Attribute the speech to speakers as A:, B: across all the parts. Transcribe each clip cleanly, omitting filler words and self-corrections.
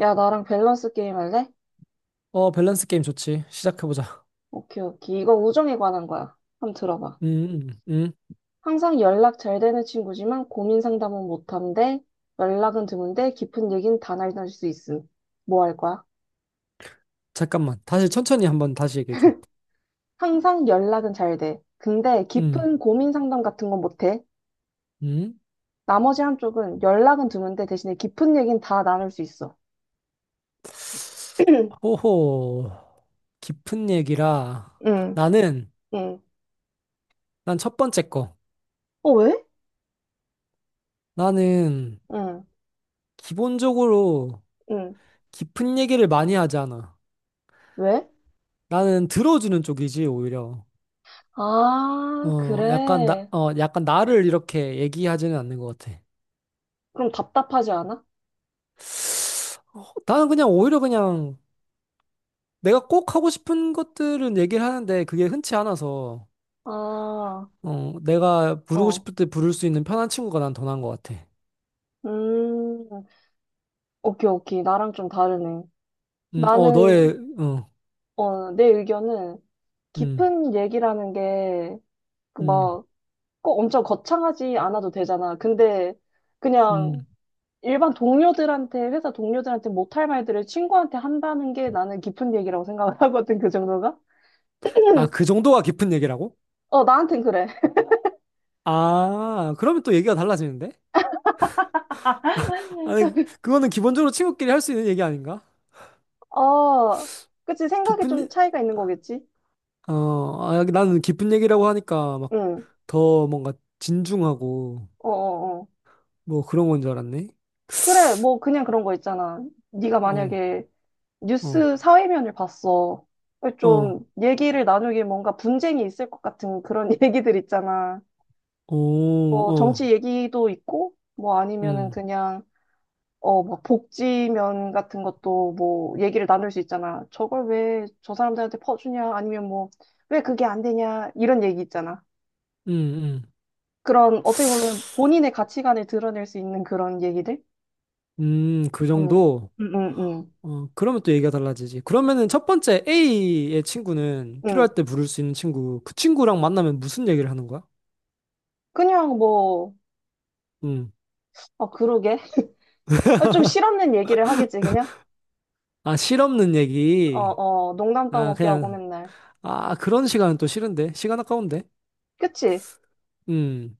A: 야, 나랑 밸런스 게임 할래?
B: 어, 밸런스 게임 좋지. 시작해보자.
A: 오케이, 오케이. 이거 우정에 관한 거야. 한번 들어봐.
B: 음, 음, 음.
A: 항상 연락 잘 되는 친구지만 고민 상담은 못한대, 연락은 드문데 깊은 얘기는 다 나눌 수 있음. 뭐 할 거야?
B: 잠깐만. 다시 천천히 한번 다시 얘기해줘.
A: 항상 연락은 잘 돼. 근데
B: 음,
A: 깊은 고민 상담 같은 건 못해.
B: 음.
A: 나머지 한쪽은 연락은 드문데 대신에 깊은 얘기는 다 나눌 수 있어.
B: 호호. 깊은 얘기라.
A: 응,
B: 나는,
A: 응.
B: 난 첫 번째 거.
A: 어, 왜?
B: 나는,
A: 응,
B: 기본적으로,
A: 응.
B: 깊은 얘기를 많이 하지 않아.
A: 왜?
B: 나는 들어주는 쪽이지, 오히려.
A: 아,
B: 약간,
A: 그래.
B: 약간 나를 이렇게 얘기하지는 않는 것 같아.
A: 그럼 답답하지 않아?
B: 나는 내가 꼭 하고 싶은 것들은 얘기를 하는데, 그게 흔치 않아서.
A: 아, 어.
B: 내가 부르고 싶을 때 부를 수 있는 편한 친구가 난 더 나은 것 같아.
A: 음, 오케이, 오케이. 나랑 좀 다르네.
B: 너의,
A: 나는,
B: 어,
A: 내 의견은
B: 음,
A: 깊은 얘기라는 게, 그
B: 음,
A: 막, 꼭 엄청 거창하지 않아도 되잖아. 근데, 그냥
B: 음.
A: 일반 동료들한테, 회사 동료들한테 못할 말들을 친구한테 한다는 게 나는 깊은 얘기라고 생각을 하거든, 그 정도가?
B: 아, 그 정도가 깊은 얘기라고?
A: 어, 나한텐 그래.
B: 아, 그러면 또 얘기가 달라지는데? 아니, 그거는 기본적으로 친구끼리 할 수 있는 얘기 아닌가?
A: 어, 그치. 생각이
B: 깊은,
A: 좀
B: 얘-
A: 차이가 있는 거겠지?
B: 어, 아, 나는 깊은 얘기라고 하니까 막
A: 응.
B: 더 뭔가 진중하고
A: 어어어.
B: 뭐 그런 건 줄 알았네.
A: 그래, 뭐, 그냥 그런 거 있잖아. 네가
B: 어,
A: 만약에
B: 어,
A: 뉴스 사회면을 봤어.
B: 어,
A: 좀 얘기를 나누길 뭔가 분쟁이 있을 것 같은 그런 얘기들 있잖아.
B: 오,
A: 뭐
B: 어,
A: 정치 얘기도 있고, 뭐 아니면은
B: 음,
A: 그냥 막 복지면 같은 것도 뭐 얘기를 나눌 수 있잖아. 저걸 왜 저 사람들한테 퍼주냐? 아니면 뭐 왜 그게 안 되냐? 이런 얘기 있잖아.
B: 음,
A: 그런 어떻게 보면 본인의 가치관을 드러낼 수 있는 그런 얘기들?
B: 음, 그
A: 음,
B: 정도?
A: 음, 음, 음.
B: 어, 그러면 또 얘기가 달라지지. 그러면은 첫 번째 A의 친구는
A: 음.
B: 필요할 때 부를 수 있는 친구. 그 친구랑 만나면 무슨 얘기를 하는 거야?
A: 그냥 뭐,
B: 음.
A: 아, 그러게. 아, 좀 실없는 얘기를 하겠지, 그냥?
B: 아, 실없는
A: 어,
B: 얘기.
A: 어, 농담
B: 아,
A: 떠먹기 하고
B: 그냥,
A: 맨날.
B: 아, 그런 시간은 또 싫은데. 시간 아까운데.
A: 그치?
B: 음.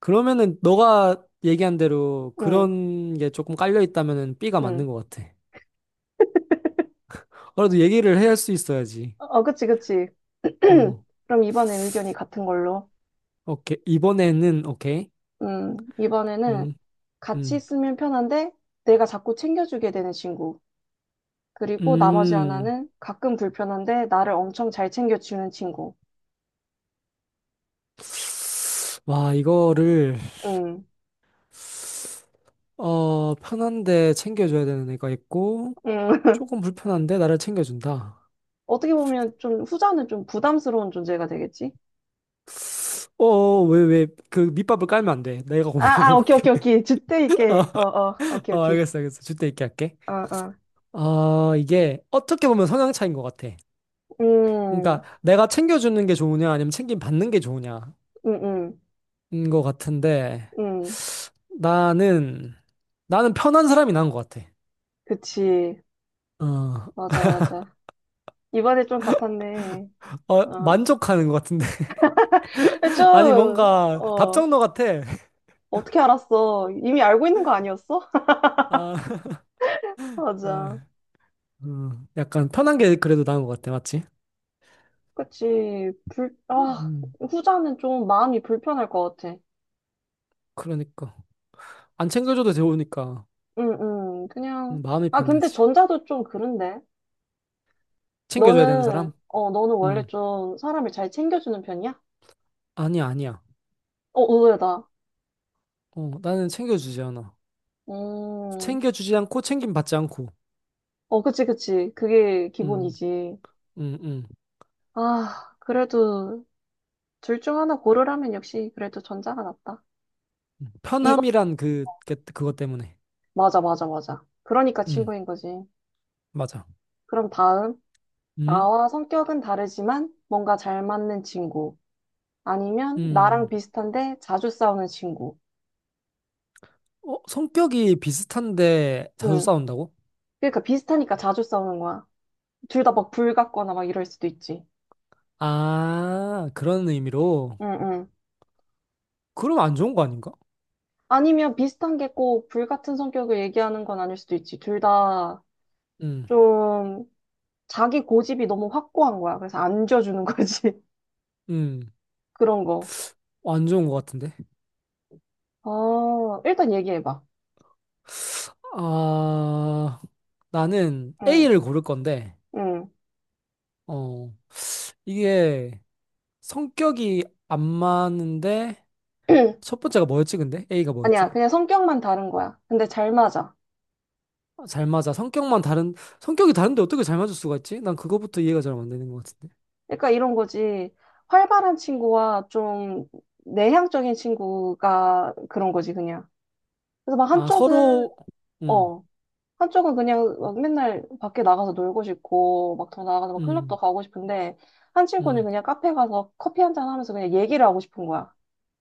B: 그러면은 너가 얘기한 대로
A: 응,
B: 그런 게 조금 깔려 있다면은 B가 맞는
A: 응.
B: 것 같아. 그래도 얘기를 해야 할 수 있어야지.
A: 어, 어, 그치, 그치.
B: 어,
A: 그럼 이번엔 의견이 같은 걸로.
B: 오케이. 오케이.
A: 이번에는
B: 음,
A: 같이
B: 음,
A: 있으면 편한데 내가 자꾸 챙겨주게 되는 친구. 그리고 나머지
B: 음.
A: 하나는 가끔 불편한데 나를 엄청 잘 챙겨주는 친구.
B: 와, 이거를.
A: 음,
B: 어, 편한데 챙겨줘야 되는 애가 있고,
A: 음.
B: 조금 불편한데 나를 챙겨준다.
A: 어떻게 보면 좀 후자는 좀 부담스러운 존재가 되겠지?
B: 어, 어, 왜, 그 밑밥을 깔면 안 돼. 내가
A: 아,
B: 고민을
A: 아, 오케이,
B: 해볼게.
A: 오케이, 오케이. 주태 있게. 어, 어, 오케이,
B: 어,
A: 오케이.
B: 알겠어. 줄 때 있게 할게.
A: 어, 어.
B: 아, 이게 어떻게 보면 성향 차이인 것 같아.
A: 음,
B: 그러니까 내가 챙겨주는 게 좋으냐, 아니면 챙김 받는 게 좋으냐인
A: 음, 음,
B: 것 같은데,
A: 음.
B: 나는, 나는 편한 사람이 나은 것 같아.
A: 그치.
B: 어,
A: 맞아, 맞아. 이번에 좀 같았네.
B: 어,
A: 어.
B: 만족하는 것 같은데.
A: 근데
B: 아니,
A: 좀,
B: 뭔가 답정너 같아.
A: 어떻게 알았어? 이미 알고 있는 거 아니었어?
B: 아, 어.
A: 맞아.
B: 약간 편한 게 그래도 나은 것 같아, 맞지?
A: 그치. 아,
B: 음,
A: 후자는 좀 마음이 불편할 것 같아.
B: 그러니까. 안 챙겨줘도 좋으니까
A: 응, 응. 그냥,
B: 마음이
A: 아, 근데
B: 편해야지.
A: 전자도 좀 그런데.
B: 챙겨줘야 되는
A: 너는,
B: 사람?
A: 어, 너는 원래
B: 음,
A: 좀 사람을 잘 챙겨주는 편이야?
B: 아니야.
A: 어, 의외다.
B: 어, 나는 챙겨주지 않아.
A: 음,
B: 챙겨주지 않고 챙김 받지 않고.
A: 어, 그치, 그치. 그게
B: 음,
A: 기본이지.
B: 음, 음.
A: 아, 그래도 둘 중 하나 고르라면 역시 그래도 전자가 낫다.
B: 음.
A: 이거,
B: 편함이란 게 그것 때문에.
A: 맞아, 맞아, 맞아. 그러니까
B: 음,
A: 친구인 거지.
B: 맞아.
A: 그럼 다음,
B: 음,
A: 나와 성격은 다르지만 뭔가 잘 맞는 친구. 아니면
B: 음.
A: 나랑 비슷한데 자주 싸우는 친구.
B: 어, 성격이 비슷한데 자주
A: 응.
B: 싸운다고?
A: 그러니까 비슷하니까 자주 싸우는 거야. 둘 다 막 불 같거나 막 이럴 수도 있지.
B: 아, 그런 의미로.
A: 응, 응.
B: 그럼 안 좋은 거 아닌가?
A: 아니면 비슷한 게 꼭 불 같은 성격을 얘기하는 건 아닐 수도 있지. 둘 다
B: 음,
A: 좀 자기 고집이 너무 확고한 거야. 그래서 안 줘주는 거지.
B: 음.
A: 그런 거.
B: 안 좋은 것 같은데.
A: 어, 일단 얘기해봐.
B: 아, 나는
A: 응,
B: A를 고를 건데,
A: 응.
B: 어, 이게 성격이 안 맞는데, 첫 번째가 뭐였지, 근데? A가
A: 아니야,
B: 뭐였지?
A: 그냥 성격만 다른 거야. 근데 잘 맞아.
B: 아, 잘 맞아. 성격이 다른데 어떻게 잘 맞을 수가 있지? 난 그거부터 이해가 잘 안 되는 것 같은데.
A: 그러니까 이런 거지. 활발한 친구와 좀 내향적인 친구가 그런 거지, 그냥. 그래서 막
B: 아, 서로, 음,
A: 어, 한쪽은 그냥 막 맨날 밖에 나가서 놀고 싶고, 막 더 나가서 막 클럽도
B: 음,
A: 가고 싶은데, 한
B: 음,
A: 친구는 그냥 카페 가서 커피 한 잔 하면서 그냥 얘기를 하고 싶은 거야.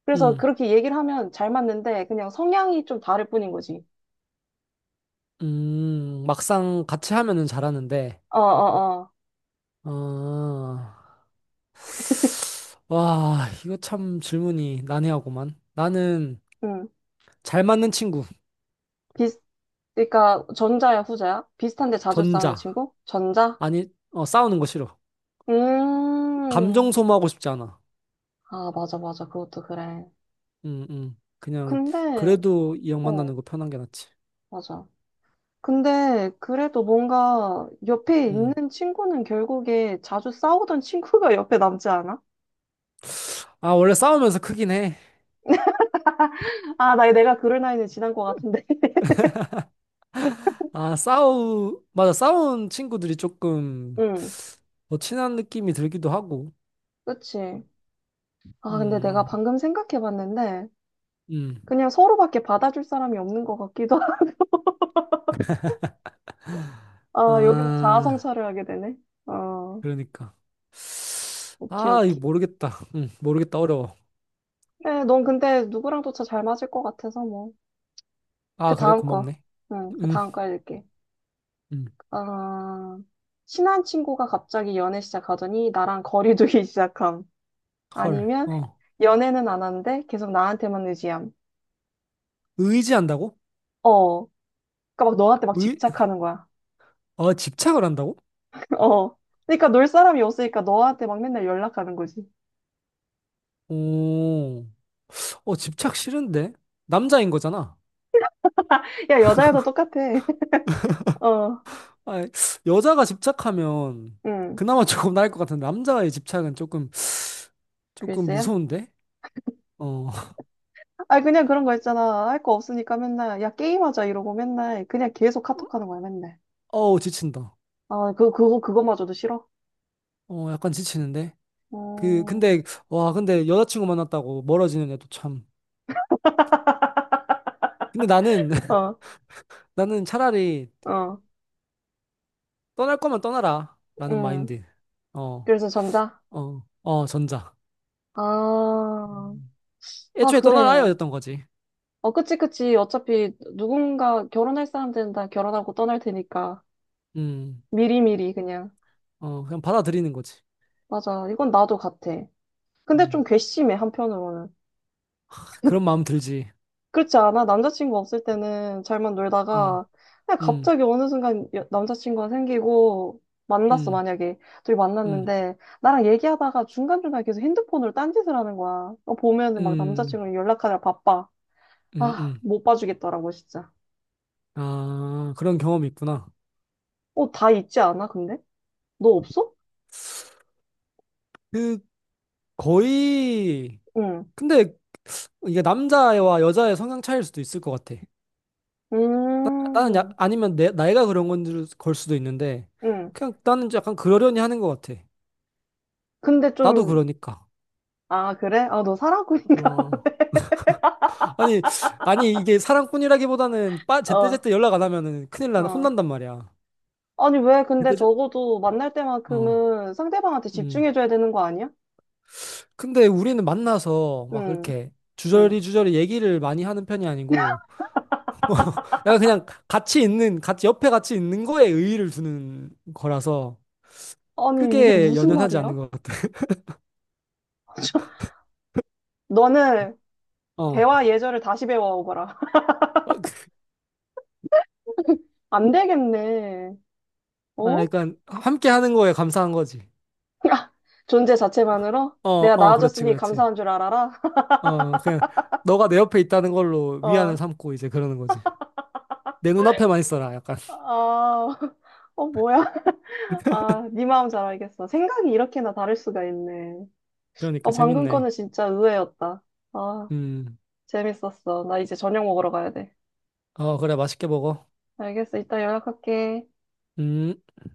A: 그래서
B: 음,
A: 그렇게 얘기를 하면 잘 맞는데, 그냥 성향이 좀 다를 뿐인 거지.
B: 막상 같이 하면은 잘하는데,
A: 어, 어, 어.
B: 아, 와, 이거 참 질문이 난해하구만. 나는
A: 음
B: 잘 맞는 친구.
A: 비슷, 그러니까 전자야, 후자야? 비슷한데 자주 싸우는
B: 전자.
A: 친구? 전자?
B: 아니, 어, 싸우는 거 싫어. 감정
A: 음.
B: 소모하고 싶지 않아.
A: 아, 맞아, 맞아. 그것도 그래.
B: 음, 음. 그냥,
A: 근데,
B: 그래도 이 형
A: 어,
B: 만나는 거 편한 게 낫지.
A: 맞아. 근데 그래도 뭔가 옆에
B: 음.
A: 있는 친구는 결국에 자주 싸우던 친구가 옆에 남지 않아?
B: 아, 원래 싸우면서 크긴 해.
A: 아, 나 내가 그럴 나이는 지난 것 같은데.
B: 맞아. 싸운 친구들이 조금
A: 응,
B: 더 친한 느낌이 들기도 하고.
A: 그치. 아, 근데 내가
B: 음,
A: 방금 생각해봤는데
B: 음.
A: 그냥 서로밖에 받아줄 사람이 없는 것 같기도. 아, 여기서
B: 아,
A: 자아성찰을 하게 되네. 어,
B: 그러니까.
A: 오케이,
B: 아, 이거
A: 오케이.
B: 모르겠다. 모르겠다. 어려워.
A: 그래, 넌 근데 누구랑 도차 잘 맞을 것 같아서 뭐. 그
B: 아, 그래?
A: 다음 거.
B: 고맙네.
A: 응, 그
B: 음,
A: 다음 거 읽을게.
B: 음.
A: 어, 친한 친구가 갑자기 연애 시작하더니 나랑 거리 두기 시작함.
B: 헐.
A: 아니면
B: 어.
A: 연애는 안 하는데 계속 나한테만 의지함.
B: 의지한다고?
A: 어. 그러니까 막 너한테 막
B: 의,
A: 집착하는 거야.
B: 어, 집착을 한다고?
A: 어. 그러니까 놀 사람이 없으니까 너한테 막 맨날 연락하는 거지.
B: 오. 어, 집착 싫은데? 남자인 거잖아.
A: 야, 여자애도 똑같아. 어.
B: 아, 여자가 집착하면
A: 응.
B: 그나마 조금 나을 것 같은데 남자의 집착은 조금
A: 글쎄요.
B: 무서운데? 어,
A: 아, 그냥 그런 거 있잖아. 할 거 없으니까 맨날, 야, 게임하자 이러고 맨날, 그냥 계속 카톡하는 거야, 맨날.
B: 어우 지친다.
A: 아, 그거마저도 싫어?
B: 어, 약간 지치는데. 그
A: 어,
B: 근데 와, 근데 여자친구 만났다고 멀어지는 애도 참. 근데 나는
A: 어,
B: 나는 차라리
A: 어,
B: 떠날 거면 떠나라라는
A: 음.
B: 마인드. 어,
A: 그래서 전자?
B: 전자.
A: 아,
B: 음.
A: 아,
B: 애초에 떠나라
A: 그래.
B: 였던 거지.
A: 어, 그치, 그치. 어차피 누군가 결혼할 사람들은 다 결혼하고 떠날 테니까.
B: 음,
A: 미리미리 그냥.
B: 어, 그냥 받아들이는 거지.
A: 맞아. 이건 나도 같아. 근데 좀
B: 음,
A: 괘씸해, 한편으로는.
B: 그런 마음 들지.
A: 그렇지 않아? 남자친구 없을 때는 잘만
B: 음,
A: 놀다가 그냥
B: 음.
A: 갑자기 어느 순간 남자친구가 생기고 만났어,
B: 음.
A: 만약에. 둘이
B: 음,
A: 만났는데 나랑 얘기하다가 중간중간에 계속 핸드폰으로 딴짓을 하는 거야. 어, 보면은 막
B: 음,
A: 남자친구랑 연락하느라 바빠.
B: 음,
A: 아,
B: 음.
A: 못 봐주겠더라고, 진짜.
B: 아, 그런 경험이 있구나.
A: 어, 다 있지 않아, 근데? 너 없어?
B: 그, 거의,
A: 응.
B: 근데 이게 남자와 여자의 성향 차이일 수도 있을 것 같아. 나는 야,
A: 음,
B: 아니면 나이가 그런 건 걸 수도 있는데,
A: 응.
B: 그냥 나는 약간 그러려니 하는 것 같아.
A: 근데
B: 나도
A: 좀,
B: 그러니까.
A: 아, 그래? 아, 너 사랑꾼인가?
B: 어. 아니, 아니, 이게 사랑꾼이라기보다는
A: 봐. 어,
B: 제때제때 연락 안 하면은 큰일 나,
A: 어.
B: 혼난단 말이야.
A: 아니, 왜? 근데
B: 제때제,
A: 적어도 만날
B: 어,
A: 때만큼은 상대방한테
B: 음.
A: 집중해줘야 되는 거 아니야?
B: 근데 우리는 만나서 막
A: 응,
B: 이렇게
A: 응.
B: 주저리주저리 얘기를 많이 하는 편이 아니고, 약간 그냥 같이 옆에 같이 있는 거에 의의를 두는 거라서
A: 아니, 이게
B: 크게
A: 무슨
B: 연연하지
A: 말이야?
B: 않는 것 같아.
A: 너는
B: 어.
A: 대화 예절을 다시 배워오거라.
B: 어, 그-
A: 안 되겠네.
B: 아,
A: 어?
B: 약간 함께 하는 거에 감사한 거지.
A: 존재 자체만으로?
B: 어,
A: 내가
B: 어, 그렇지,
A: 나아졌으니
B: 그렇지.
A: 감사한 줄 알아라.
B: 어, 그냥 너가 내 옆에 있다는 걸로
A: 어,
B: 위안을 삼고 이제 그러는 거지. 내 눈앞에만 있어라, 약간.
A: 아, 어, 뭐야? 아, 네 마음 잘 알겠어. 생각이 이렇게나 다를 수가 있네.
B: 그러니까
A: 어, 방금
B: 재밌네.
A: 거는 진짜 의외였다. 아,
B: 음.
A: 재밌었어. 나 이제 저녁 먹으러 가야 돼.
B: 어, 그래, 맛있게 먹어.
A: 알겠어. 이따 연락할게.
B: 음.